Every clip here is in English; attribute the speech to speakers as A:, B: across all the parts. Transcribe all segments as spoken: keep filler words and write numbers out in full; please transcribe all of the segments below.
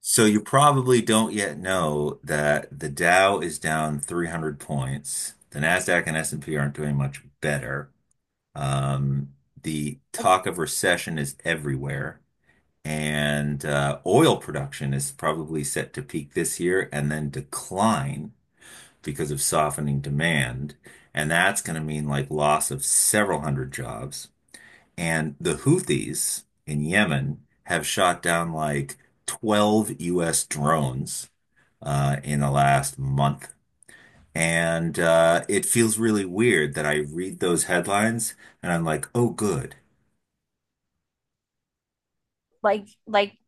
A: So you probably don't yet know that the Dow is down three hundred points. The Nasdaq and S and P aren't doing much better. Um, the talk of recession is everywhere, and uh, oil production is probably set to peak this year and then decline because of softening demand, and that's going to mean like loss of several hundred jobs. And the Houthis in Yemen have shot down like twelve U S drones uh, in the last month. And uh, it feels really weird that I read those headlines and I'm like, oh, good.
B: like like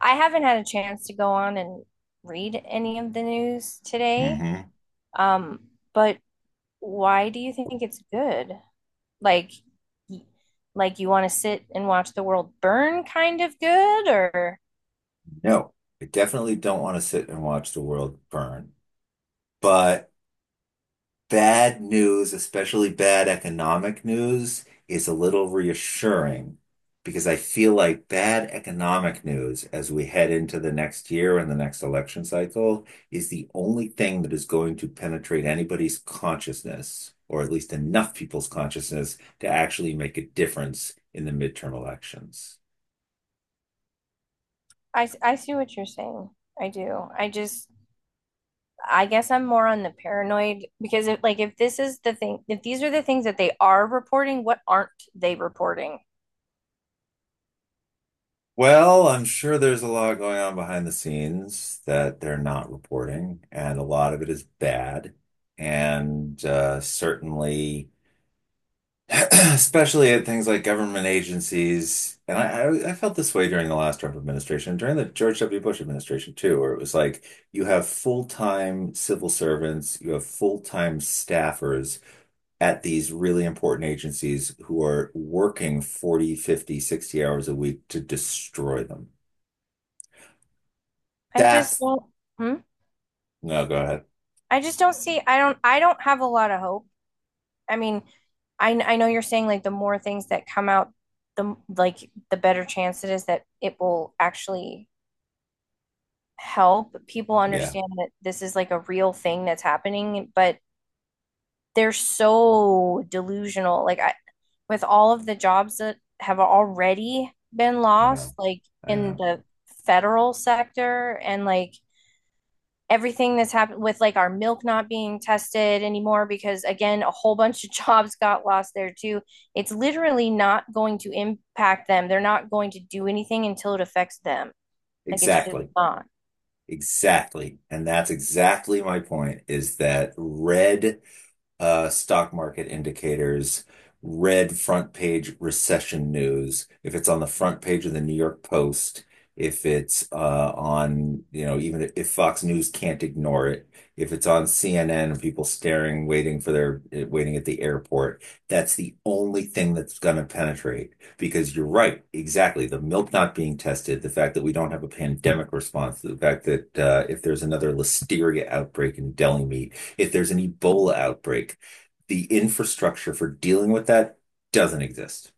B: I haven't had a chance to go on and read any of the news today.
A: Hmm.
B: Um, but why do you think it's good? Like like you want to sit and watch the world burn, kind of good or—
A: No, I definitely don't want to sit and watch the world burn. But Bad news, especially bad economic news, is a little reassuring because I feel like bad economic news as we head into the next year and the next election cycle is the only thing that is going to penetrate anybody's consciousness, or at least enough people's consciousness, to actually make a difference in the midterm elections.
B: I, I see what you're saying. I do. I just I guess I'm more on the paranoid, because if like if this is the thing, if these are the things that they are reporting, what aren't they reporting?
A: Well, I'm sure there's a lot going on behind the scenes that they're not reporting, and a lot of it is bad. And uh, certainly, especially at things like government agencies, and I, I, I felt this way during the last Trump administration, during the George W. Bush administration too, where it was like you have full-time civil servants, you have full-time staffers at these really important agencies who are working forty, fifty, sixty hours a week to destroy them.
B: I just
A: That's
B: don't Hmm?
A: No, go ahead.
B: I just don't see. I don't I don't have a lot of hope. I mean, I I know you're saying like the more things that come out, the like the better chance it is that it will actually help people
A: Yeah,
B: understand that this is like a real thing that's happening, but they're so delusional. Like, I, with all of the jobs that have already been
A: I
B: lost,
A: know.
B: like
A: I
B: in
A: know.
B: the federal sector, and like everything that's happened with like our milk not being tested anymore, because again, a whole bunch of jobs got lost there too. It's literally not going to impact them. They're not going to do anything until it affects them. Like, it's just
A: Exactly.
B: not.
A: Exactly. And that's exactly my point is that red Uh, stock market indicators, red front page recession news, if it's on the front page of the New York Post, if it's uh on, you know, even if Fox News can't ignore it, if it's on C N N and people staring, waiting for their, eh, waiting at the airport, that's the only thing that's going to penetrate. Because you're right, exactly. The milk not being tested, the fact that we don't have a pandemic response, the fact that uh, if there's another listeria outbreak in deli meat, if there's an Ebola outbreak, the infrastructure for dealing with that doesn't exist.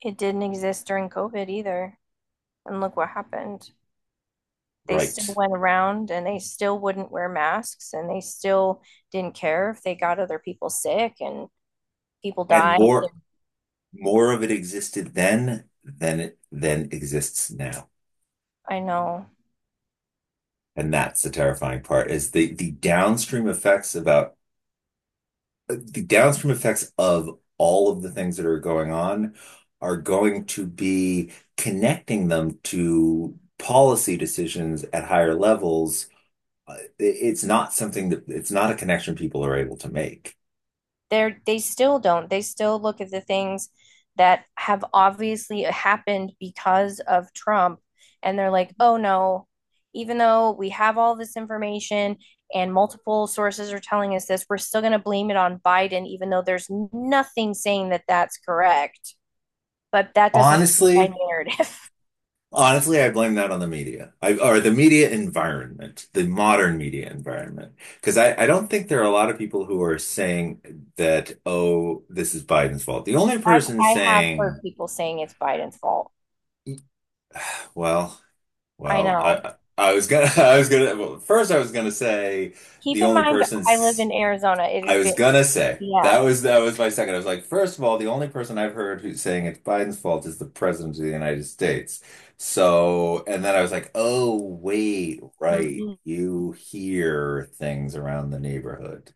B: It didn't exist during covid either, and look what happened. They still
A: Right.
B: went around and they still wouldn't wear masks and they still didn't care if they got other people sick, and people
A: And
B: died.
A: more more of it existed then than it than exists now.
B: I know.
A: And that's the terrifying part is the the downstream effects about the downstream effects of all of the things that are going on are going to be connecting them to policy decisions at higher levels. Uh, It's not something that it's not a connection people are able to make.
B: They're they still don't. They still look at the things that have obviously happened because of Trump, and they're like, "Oh no, even though we have all this information and multiple sources are telling us this, we're still going to blame it on Biden, even though there's nothing saying that that's correct." But that doesn't fit my
A: Honestly,
B: narrative.
A: honestly, I blame that on the media. I or the media environment, the modern media environment. Because I, I don't think there are a lot of people who are saying that, oh, this is Biden's fault. The only
B: I've
A: person
B: I have
A: saying,
B: heard people saying it's Biden's fault.
A: well,
B: I
A: well, I
B: know.
A: I I was gonna I was gonna well, first I was gonna say
B: Keep
A: the
B: in
A: only
B: mind, I live
A: person's
B: in Arizona. It is
A: I was
B: very,
A: gonna say that
B: yeah.
A: was That was my second. I was like, first of all, the only person I've heard who's saying it's Biden's fault is the president of the United States. So, and then I was like, oh wait, right,
B: Mhm.
A: you hear things around the neighborhood,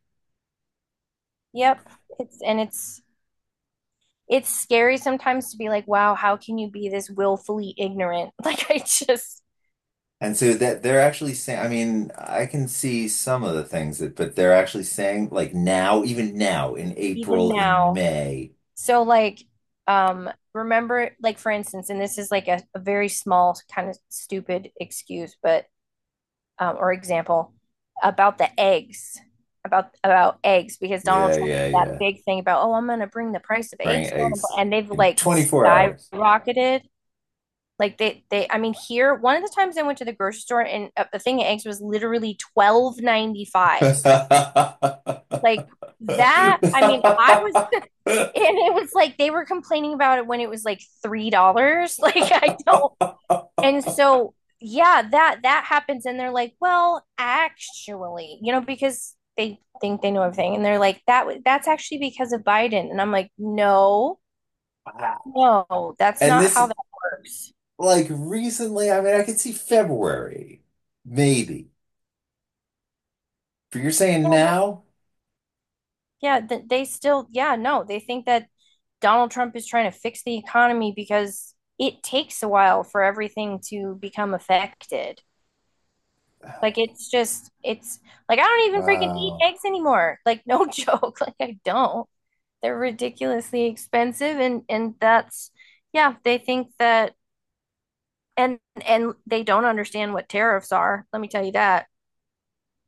B: Yep. It's and it's it's scary sometimes to be like, wow, how can you be this willfully ignorant? Like, I just
A: and so that they're actually saying. I mean, I can see some of the things that, but they're actually saying like now, even now in
B: even
A: April, in
B: now.
A: May,
B: So, like, um remember, like, for instance, and this is like a, a very small, kind of stupid excuse, but um or example, about the eggs. About about eggs, because Donald
A: yeah,
B: Trump
A: yeah,
B: made that
A: yeah,
B: big thing about, oh, I'm gonna bring the price of
A: bring
B: eggs down,
A: eggs
B: and they've,
A: in
B: like,
A: twenty-four
B: skyrocketed. Like, they, they, I mean, here, one of the times I went to the grocery store, and uh, the thing of eggs was literally twelve ninety five.
A: hours.
B: Like, that, I mean, I was,
A: Wow.
B: and it was like they were complaining about it when it was like three dollars. Like I don't, and so, yeah, that that happens, and they're like, well, actually, you know, because they think they know everything, and they're like that. was- That's actually because of Biden, and I'm like, no, no, that's
A: And
B: not
A: this,
B: how
A: is-
B: that works.
A: like recently, I mean, I could see February, maybe. But you're saying
B: Yeah,
A: now?
B: yeah, they still, yeah, no, they think that Donald Trump is trying to fix the economy because it takes a while for everything to become affected. Like,
A: uh,
B: it's just, it's like I don't even freaking eat
A: Wow.
B: eggs anymore. Like, no joke, like, I don't. They're ridiculously expensive, and and that's yeah, they think that, and and they don't understand what tariffs are. Let me tell you that.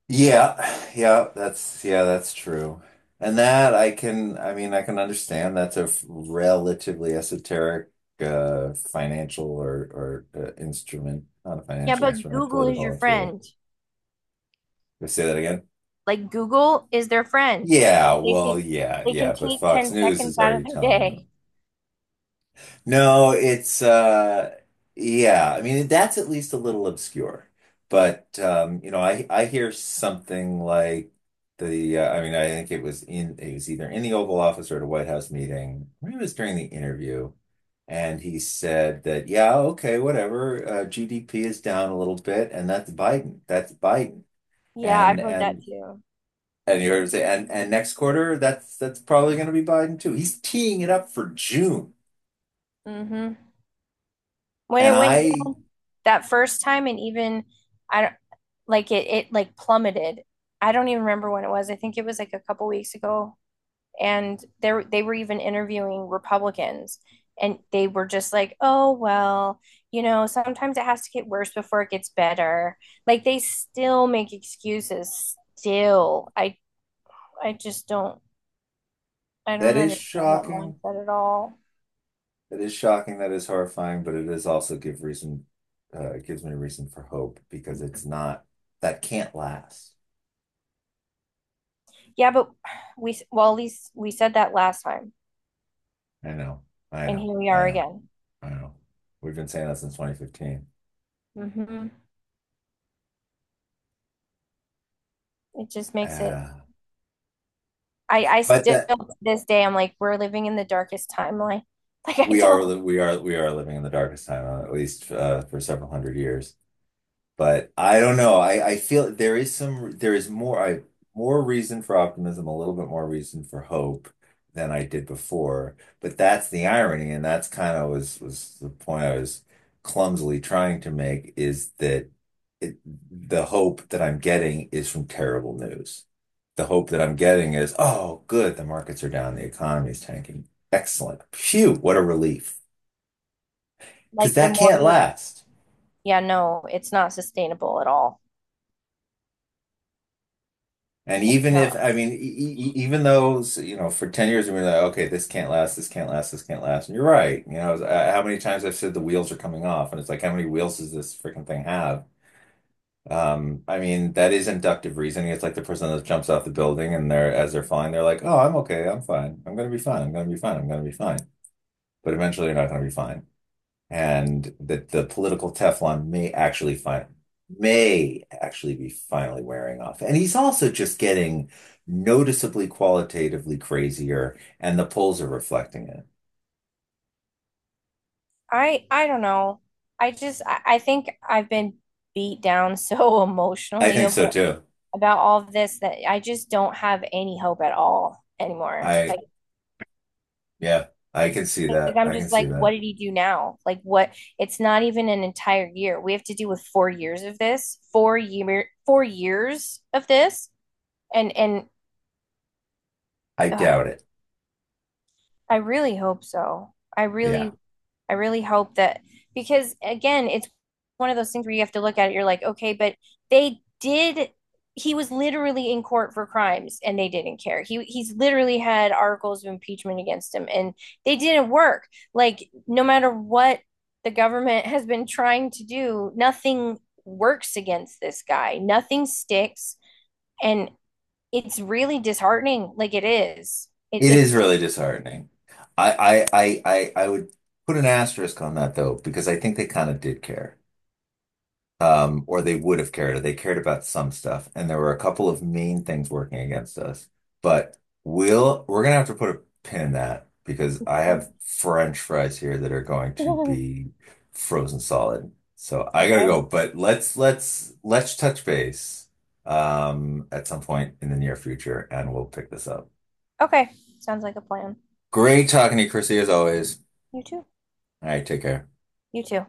A: Yeah, yeah, that's yeah, that's true. And that I can, I mean, I can understand that's a f- relatively esoteric uh, financial or or uh, instrument, not a
B: Yeah,
A: financial
B: but
A: instrument, a
B: Google is your
A: political tool.
B: friend.
A: You say that again?
B: Like, Google is their friend.
A: Yeah,
B: Like they
A: well,
B: can
A: yeah,
B: they can
A: yeah, but
B: take
A: Fox
B: ten
A: News
B: seconds
A: is
B: out
A: already
B: of their
A: telling
B: day.
A: them. No, it's uh Yeah, I mean that's at least a little obscure. But um, you know, I I hear something like the uh, I mean I think it was in it was either in the Oval Office or at a White House meeting. Maybe it was during the interview and he said that yeah, okay, whatever, uh, G D P is down a little bit and that's Biden. That's Biden.
B: Yeah,
A: And
B: I've heard that
A: and
B: too.
A: and you heard him say and and next quarter that's that's probably going to be Biden too. He's teeing it up for June.
B: Hmm. When
A: And
B: it went
A: I
B: down that first time, and even I don't like it it like plummeted. I don't even remember when it was. I think it was like a couple weeks ago. And they they were even interviewing Republicans, and they were just like, "Oh, well, you know, sometimes it has to get worse before it gets better." Like, they still make excuses still. I I just don't I
A: That
B: don't
A: is
B: understand that
A: shocking.
B: mindset at all.
A: That is shocking. That is horrifying, but it is also give reason uh it gives me reason for hope because it's not that can't last.
B: Yeah, but we, well, at least we said that last time,
A: I know. I
B: and
A: know.
B: here we
A: I
B: are
A: know.
B: again.
A: I know. We've been saying that since twenty fifteen.
B: Hmm. It just makes it
A: Uh,
B: I I
A: but
B: still,
A: that
B: to this day, I'm like, we're living in the darkest timeline. Like, I
A: we are
B: don't—
A: we are we are living in the darkest time uh, at least uh, for several hundred years. But I don't know. I, I feel there is some there is more I more reason for optimism, a little bit more reason for hope than I did before. But that's the irony, and that's kind of was was the point I was clumsily trying to make is that it, the hope that I'm getting is from terrible news. The hope that I'm getting is, oh, good, the markets are down, the economy is tanking. Excellent. Phew, what a relief. Because
B: like, the
A: that
B: more
A: can't
B: they're—
A: last.
B: yeah, no, it's not sustainable at all.
A: And
B: It's
A: even if,
B: not.
A: I mean, e e e- even though, so, you know, for ten years, we were like, okay, this can't last, this can't last, this can't last. And you're right. You know, uh, how many times I've said the wheels are coming off, and it's like, how many wheels does this freaking thing have? Um, I mean, that is inductive reasoning. It's like the person that jumps off the building and they're, as they're falling, they're like, oh, I'm okay, I'm fine. I'm gonna be fine. I'm gonna be fine. I'm gonna be fine. But eventually, you're not gonna be fine and that the political Teflon may actually find may actually be finally wearing off. And he's also just getting noticeably qualitatively crazier, and the polls are reflecting it.
B: I I don't know. I just I, I think I've been beat down so
A: I
B: emotionally
A: think so
B: about,
A: too.
B: about all of this, that I just don't have any hope at all anymore. Like,
A: I Yeah, I can see
B: like
A: that.
B: I'm
A: I can
B: just
A: see
B: like, what
A: that.
B: did he do now? Like, what? It's not even an entire year. We have to deal with four years of this, four year, four years of this, and and
A: I
B: ugh,
A: doubt it.
B: I really hope so. I
A: Yeah.
B: really, I really hope that, because again, it's one of those things where you have to look at it. You're like, okay, but they did. He was literally in court for crimes, and they didn't care. He he's literally had articles of impeachment against him, and they didn't work. Like, no matter what the government has been trying to do, nothing works against this guy. Nothing sticks, and it's really disheartening. Like, it is. It,
A: It is
B: it's
A: really disheartening. I I I I, I would put an asterisk on that though, because I think they kind of did care. Um, or they would have cared. They cared about some stuff. And there were a couple of main things working against us. But we'll we're gonna have to put a pin in that because I
B: Okay.
A: have French fries here that are going to be frozen solid. So I gotta
B: Okay.
A: go. But let's let's let's touch base um at some point in the near future and we'll pick this up.
B: Okay. Sounds like a plan.
A: Great talking to you, Chrissy, as always.
B: You too.
A: All right, take care.
B: You too.